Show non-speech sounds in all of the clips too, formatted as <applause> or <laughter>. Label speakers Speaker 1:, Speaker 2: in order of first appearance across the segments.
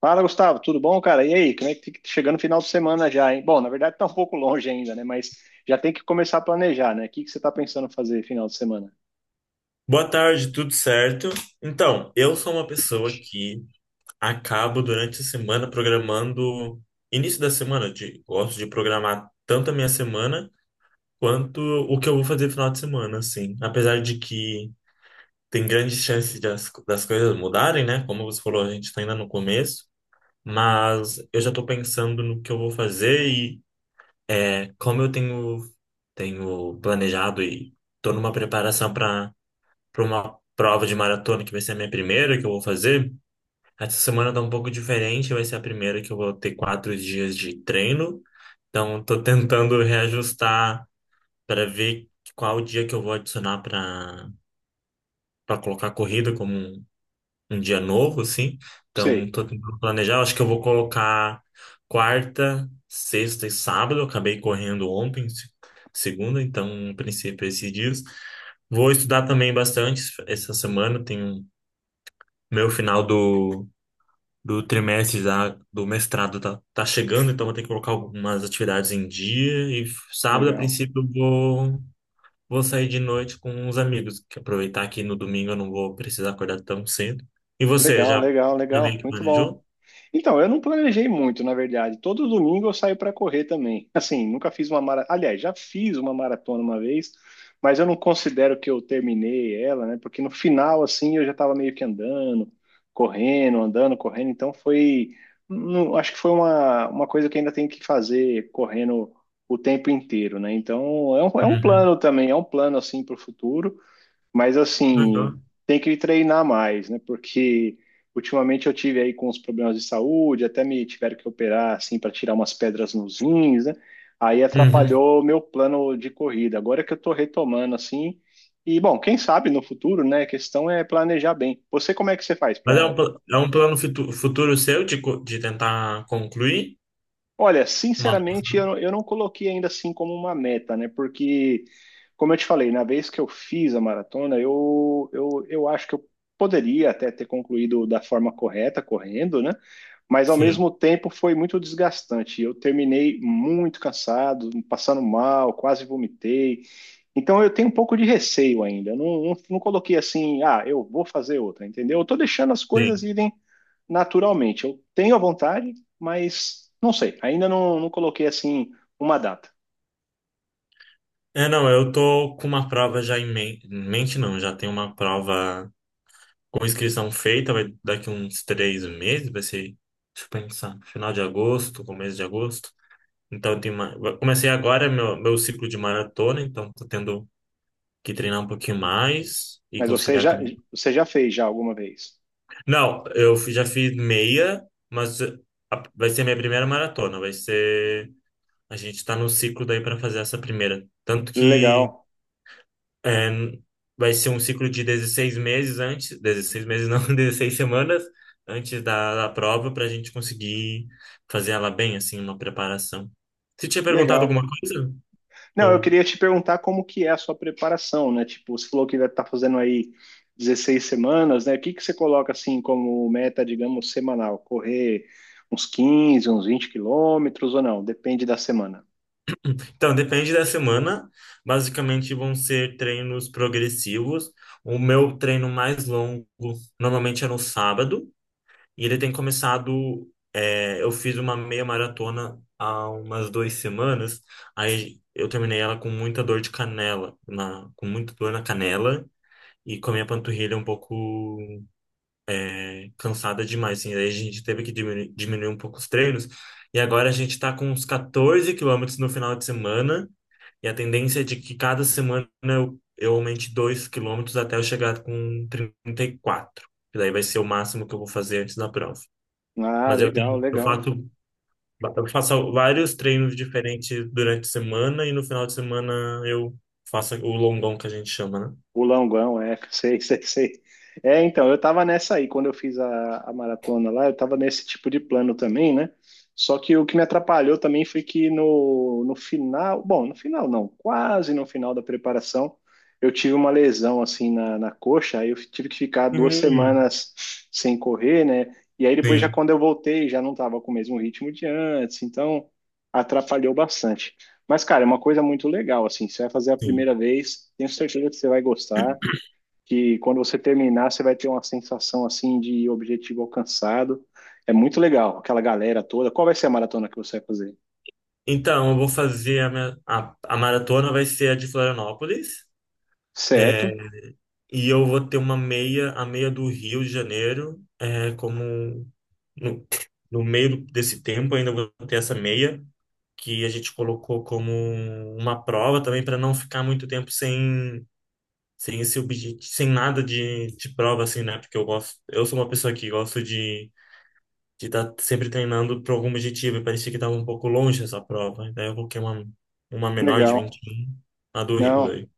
Speaker 1: Fala, Gustavo, tudo bom, cara? E aí, como é que tá chegando no final de semana já, hein? Bom, na verdade tá um pouco longe ainda, né? Mas já tem que começar a planejar, né? O que que você tá pensando fazer final de semana?
Speaker 2: Boa tarde, tudo certo? Então, eu sou uma pessoa que acabo durante a semana programando, início da semana, de, gosto de programar tanto a minha semana quanto o que eu vou fazer no final de semana, assim. Apesar de que tem grandes chances de das coisas mudarem, né? Como você falou, a gente está ainda no começo, mas eu já estou pensando no que eu vou fazer e como eu tenho, tenho planejado e estou numa preparação para uma prova de maratona, que vai ser a minha primeira que eu vou fazer. Essa semana tá um pouco diferente, vai ser a primeira que eu vou ter quatro dias de treino. Então, tô tentando reajustar para ver qual dia que eu vou adicionar para colocar a corrida como um dia novo, assim. Então,
Speaker 1: Sei.
Speaker 2: tô tentando planejar. Acho que eu vou colocar quarta, sexta e sábado. Eu acabei correndo ontem, segunda, então, a princípio, esses dias. Vou estudar também bastante essa semana. Tenho Meu final do, do trimestre já do mestrado tá chegando, então vou ter que colocar algumas atividades em dia. E sábado, a
Speaker 1: Legal.
Speaker 2: princípio, vou sair de noite com uns amigos, que aproveitar que no domingo eu não vou precisar acordar tão cedo. E você,
Speaker 1: Legal,
Speaker 2: já,
Speaker 1: legal,
Speaker 2: já meio
Speaker 1: legal.
Speaker 2: que
Speaker 1: Muito bom.
Speaker 2: planejou?
Speaker 1: Então, eu não planejei muito, na verdade. Todo domingo eu saio para correr também. Assim, nunca fiz uma maratona. Aliás, já fiz uma maratona uma vez, mas eu não considero que eu terminei ela, né? Porque no final, assim, eu já estava meio que andando, correndo, andando, correndo. Então, foi. Acho que foi uma coisa que ainda tem que fazer correndo o tempo inteiro, né? Então, é um
Speaker 2: Uhum.
Speaker 1: plano também, é um plano, assim, para o futuro. Mas
Speaker 2: Legal.
Speaker 1: assim, tem que treinar mais, né? Porque ultimamente eu tive aí com os problemas de saúde, até me tiveram que operar assim para tirar umas pedras nos rins, né? Aí
Speaker 2: Uhum.
Speaker 1: atrapalhou o meu plano de corrida. Agora que eu tô retomando assim, e bom, quem sabe no futuro, né? A questão é planejar bem. Você como é que você faz
Speaker 2: Mas é
Speaker 1: para...
Speaker 2: é um plano futuro seu de, de tentar concluir?
Speaker 1: Olha,
Speaker 2: Uma...
Speaker 1: sinceramente, eu não coloquei ainda assim como uma meta, né? Porque, como eu te falei, na vez que eu fiz a maratona, eu acho que eu poderia até ter concluído da forma correta, correndo, né? Mas, ao
Speaker 2: Sim,
Speaker 1: mesmo tempo, foi muito desgastante. Eu terminei muito cansado, passando mal, quase vomitei. Então, eu tenho um pouco de receio ainda. Eu não, não, não coloquei assim, ah, eu vou fazer outra, entendeu? Eu tô deixando as coisas
Speaker 2: sim.
Speaker 1: irem naturalmente. Eu tenho a vontade, mas não sei. Ainda não, não coloquei assim uma data.
Speaker 2: É, não, eu tô com uma prova já em em mente, não, já tenho uma prova. Com inscrição feita, vai daqui uns três meses, vai ser, deixa eu pensar, final de agosto, começo de agosto. Então, tem uma, eu comecei agora meu ciclo de maratona, então tô tendo que treinar um pouquinho mais e
Speaker 1: Mas você
Speaker 2: conciliar
Speaker 1: já,
Speaker 2: também.
Speaker 1: você já fez já alguma vez?
Speaker 2: Não, eu já fiz meia, mas vai ser minha primeira maratona, vai ser, a gente tá no ciclo daí para fazer essa primeira. Tanto que
Speaker 1: Legal,
Speaker 2: é, vai ser um ciclo de 16 meses antes, 16 meses não, <laughs> 16 semanas antes da prova para a gente conseguir fazer ela bem, assim, uma preparação. Você tinha perguntado
Speaker 1: legal.
Speaker 2: alguma coisa?
Speaker 1: Não, eu
Speaker 2: Eu-
Speaker 1: queria te perguntar como que é a sua preparação, né? Tipo, você falou que vai estar fazendo aí 16 semanas, né? O que que você coloca assim como meta, digamos, semanal? Correr uns 15, uns 20 quilômetros ou não? Depende da semana.
Speaker 2: Então, depende da semana. Basicamente vão ser treinos progressivos. O meu treino mais longo normalmente é no sábado. E ele tem começado. Eu fiz uma meia maratona há umas duas semanas. Aí eu terminei ela com muita dor de com muita dor na canela e com a minha panturrilha um pouco cansada demais. Assim, aí a gente teve que diminuir um pouco os treinos. E agora a gente está com uns 14 quilômetros no final de semana. E a tendência é de que cada semana eu aumente 2 quilômetros até eu chegar com 34. Que daí vai ser o máximo que eu vou fazer antes da prova.
Speaker 1: Ah,
Speaker 2: Mas
Speaker 1: legal, legal.
Speaker 2: eu faço vários treinos diferentes durante a semana e no final de semana eu faço o longão que a gente chama, né?
Speaker 1: O Longão, é, <laughs> sei, sei, sei. É, então, eu tava nessa aí, quando eu fiz a maratona lá, eu tava nesse tipo de plano também, né? Só que o que me atrapalhou também foi que no final, bom, no final não, quase no final da preparação, eu tive uma lesão assim na coxa, aí eu tive que ficar duas
Speaker 2: Hum,
Speaker 1: semanas sem correr, né? E aí depois já
Speaker 2: sim,
Speaker 1: quando eu voltei, já não tava com o mesmo ritmo de antes, então atrapalhou bastante. Mas, cara, é uma coisa muito legal, assim, você vai fazer a
Speaker 2: sim.
Speaker 1: primeira vez, tenho certeza que você vai gostar, que quando você terminar, você vai ter uma sensação, assim, de objetivo alcançado. É muito legal, aquela galera toda. Qual vai ser a maratona que você vai fazer?
Speaker 2: Então, eu vou fazer a maratona vai ser a de Florianópolis. É,
Speaker 1: Certo?
Speaker 2: e eu vou ter uma meia, a meia do Rio de Janeiro, como no, no meio desse tempo ainda vou ter essa meia, que a gente colocou como uma prova também para não ficar muito tempo sem sem esse objetivo, sem nada de prova, assim, né? Porque eu gosto, eu sou uma pessoa que gosto de estar sempre treinando para algum objetivo, e parecia que estava um pouco longe essa prova. Daí eu coloquei uma menor de
Speaker 1: Legal.
Speaker 2: 21, a do Rio
Speaker 1: Não,
Speaker 2: daí.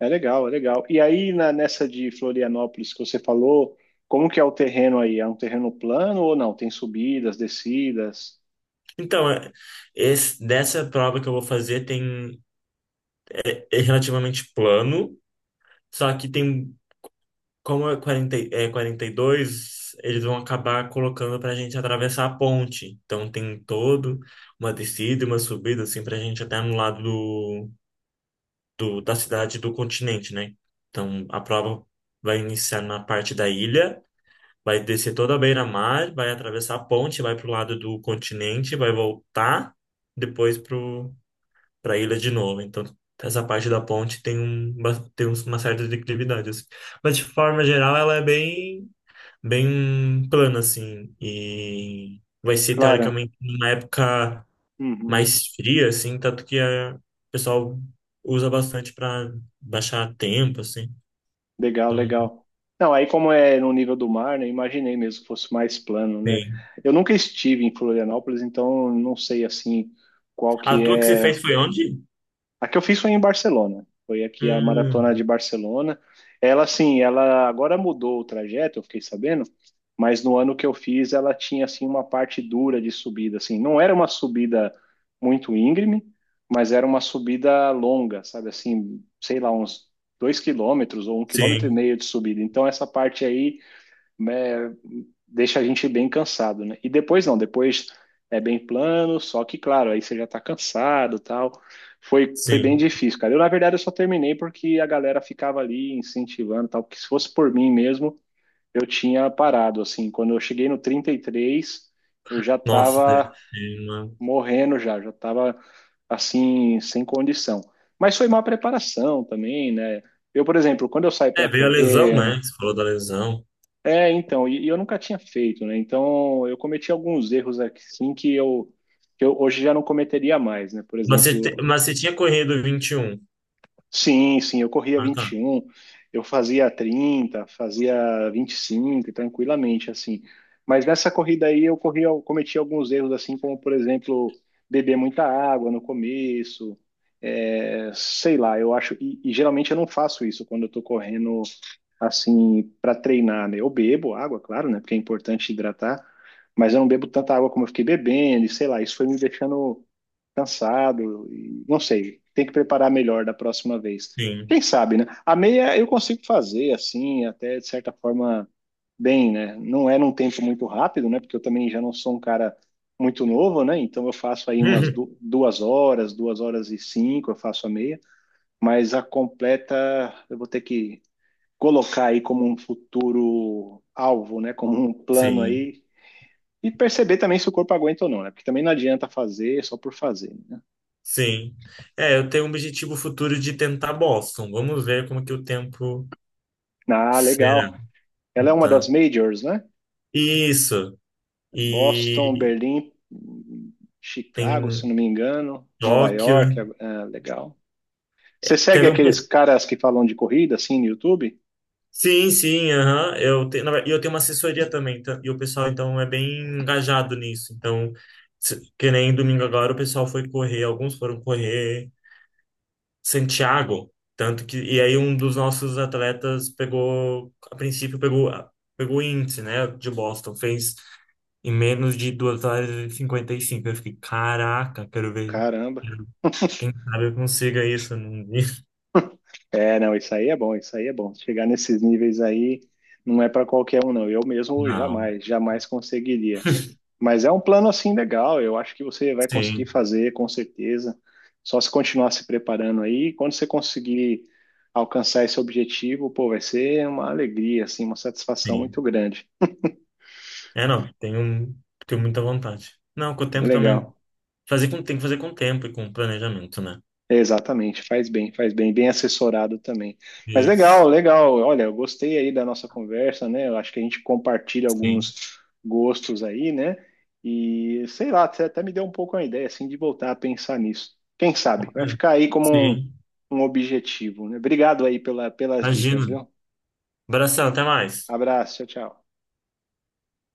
Speaker 1: é legal, é legal. E aí, nessa de Florianópolis que você falou, como que é o terreno aí? É um terreno plano ou não? Tem subidas, descidas?
Speaker 2: Então, dessa prova que eu vou fazer tem é relativamente plano, só que tem, como é 40, é 42, eles vão acabar colocando para a gente atravessar a ponte. Então tem todo uma descida e uma subida, assim, para a gente até no lado da cidade e do continente, né? Então, a prova vai iniciar na parte da ilha, vai descer toda a beira-mar, vai atravessar a ponte, vai para o lado do continente, vai voltar depois para a ilha de novo. Então, essa parte da ponte tem, tem uma certa declividade, assim. Mas, de forma geral, ela é bem, bem plana, assim, e vai ser,
Speaker 1: Claro.
Speaker 2: teoricamente, numa época
Speaker 1: Uhum.
Speaker 2: mais fria, assim, tanto que o pessoal usa bastante para baixar tempo, assim.
Speaker 1: Legal,
Speaker 2: Então,
Speaker 1: legal. Não, aí como é no nível do mar, né, imaginei mesmo que fosse mais plano, né?
Speaker 2: sim.
Speaker 1: Eu nunca estive em Florianópolis, então não sei assim qual
Speaker 2: A
Speaker 1: que
Speaker 2: tua que você
Speaker 1: é
Speaker 2: fez foi onde?
Speaker 1: a que eu fiz foi em Barcelona. Foi aqui a maratona de
Speaker 2: Hum,
Speaker 1: Barcelona. Ela, assim, ela agora mudou o trajeto, eu fiquei sabendo, mas no ano que eu fiz, ela tinha, assim, uma parte dura de subida, assim. Não era uma subida muito íngreme, mas era uma subida longa, sabe, assim, sei lá, uns 2 quilômetros ou um quilômetro e
Speaker 2: sim,
Speaker 1: meio de subida. Então, essa parte aí, né, deixa a gente bem cansado, né? E depois não, depois é bem plano, só que claro, aí você já tá cansado, tal. Foi, foi bem
Speaker 2: sim.
Speaker 1: difícil, cara. Eu na verdade eu só terminei porque a galera ficava ali incentivando, tal, porque se fosse por mim mesmo, eu tinha parado assim. Quando eu cheguei no 33 eu já
Speaker 2: Nossa, deve
Speaker 1: tava
Speaker 2: ser uma...
Speaker 1: morrendo já, já tava assim sem condição. Mas foi má preparação também, né? Eu, por exemplo, quando eu saio
Speaker 2: É,
Speaker 1: para
Speaker 2: veio a lesão,
Speaker 1: correr
Speaker 2: né? Você falou da lesão.
Speaker 1: é, então, e eu nunca tinha feito, né? Então, eu cometi alguns erros aqui, sim, que eu hoje já não cometeria mais, né? Por
Speaker 2: Mas
Speaker 1: exemplo,
Speaker 2: mas você tinha corrido vinte e um.
Speaker 1: sim, sim, eu corria
Speaker 2: Ah,
Speaker 1: vinte
Speaker 2: tá.
Speaker 1: e um, eu fazia 30, fazia 25 tranquilamente, assim. Mas nessa corrida aí eu corri, eu cometi alguns erros, assim, como, por exemplo, beber muita água no começo, é, sei lá, eu acho, e geralmente eu não faço isso quando eu tô correndo assim, para treinar, né? Eu bebo água, claro, né? Porque é importante hidratar, mas eu não bebo tanta água como eu fiquei bebendo, e sei lá, isso foi me deixando cansado, e não sei, tem que preparar melhor da próxima vez.
Speaker 2: Sim.
Speaker 1: Quem sabe, né? A meia eu consigo fazer, assim, até de certa forma, bem, né? Não é num tempo muito rápido, né? Porque eu também já não sou um cara muito novo, né? Então eu faço aí umas
Speaker 2: <laughs>
Speaker 1: duas horas, 2 horas e cinco, eu faço a meia, mas a completa eu vou ter que colocar aí como um futuro alvo, né? Como um plano
Speaker 2: Sim,
Speaker 1: aí. E perceber também se o corpo aguenta ou não, né? Porque também não adianta fazer só por fazer, né?
Speaker 2: sim. É, eu tenho um objetivo futuro de tentar Boston. Vamos ver como que o tempo
Speaker 1: Ah,
Speaker 2: será.
Speaker 1: legal. Ela é uma
Speaker 2: Então,
Speaker 1: das majors, né?
Speaker 2: isso.
Speaker 1: Boston,
Speaker 2: E
Speaker 1: Berlim, Chicago, se
Speaker 2: tem.
Speaker 1: não me engano, Nova
Speaker 2: Tóquio.
Speaker 1: York, é, legal. Você segue
Speaker 2: Teve um.
Speaker 1: aqueles
Speaker 2: pe-
Speaker 1: caras que falam de corrida, assim, no YouTube?
Speaker 2: Sim, sim, aham. Eu tenho, e eu tenho uma assessoria também, tá? E o pessoal, então, é bem engajado nisso. Então, que nem domingo agora, o pessoal foi correr, alguns foram correr Santiago. Tanto que. E aí, um dos nossos atletas pegou, a princípio, pegou, pegou o índice, né, de Boston. Fez em menos de 2 horas e 55. Eu fiquei, caraca, quero ver.
Speaker 1: Caramba.
Speaker 2: Quem sabe eu consiga isso num dia.
Speaker 1: É, não, isso aí é bom, isso aí é bom. Chegar nesses níveis aí não é para qualquer um, não. Eu mesmo
Speaker 2: Não,
Speaker 1: jamais, jamais conseguiria. Mas é um plano assim legal, eu acho que você vai conseguir
Speaker 2: sim,
Speaker 1: fazer, com certeza. Só se continuar se preparando aí, quando você conseguir alcançar esse objetivo, pô, vai ser uma alegria, assim, uma satisfação muito
Speaker 2: sim.
Speaker 1: grande.
Speaker 2: É, não, tenho, tenho muita vontade. Não, com o tempo também.
Speaker 1: Legal.
Speaker 2: Tem que fazer com tempo e com planejamento, né?
Speaker 1: Exatamente, faz bem, bem assessorado também. Mas legal,
Speaker 2: Isso.
Speaker 1: legal. Olha, eu gostei aí da nossa conversa, né? Eu acho que a gente compartilha
Speaker 2: Sim.
Speaker 1: alguns gostos aí, né? E sei lá, você até me deu um pouco uma ideia assim de voltar a pensar nisso. Quem sabe? Vai
Speaker 2: Olha,
Speaker 1: ficar aí como um,
Speaker 2: sim.
Speaker 1: um objetivo, né? Obrigado aí pela, pelas dicas,
Speaker 2: Imagina.
Speaker 1: viu?
Speaker 2: Abração, até mais.
Speaker 1: Abraço, tchau, tchau.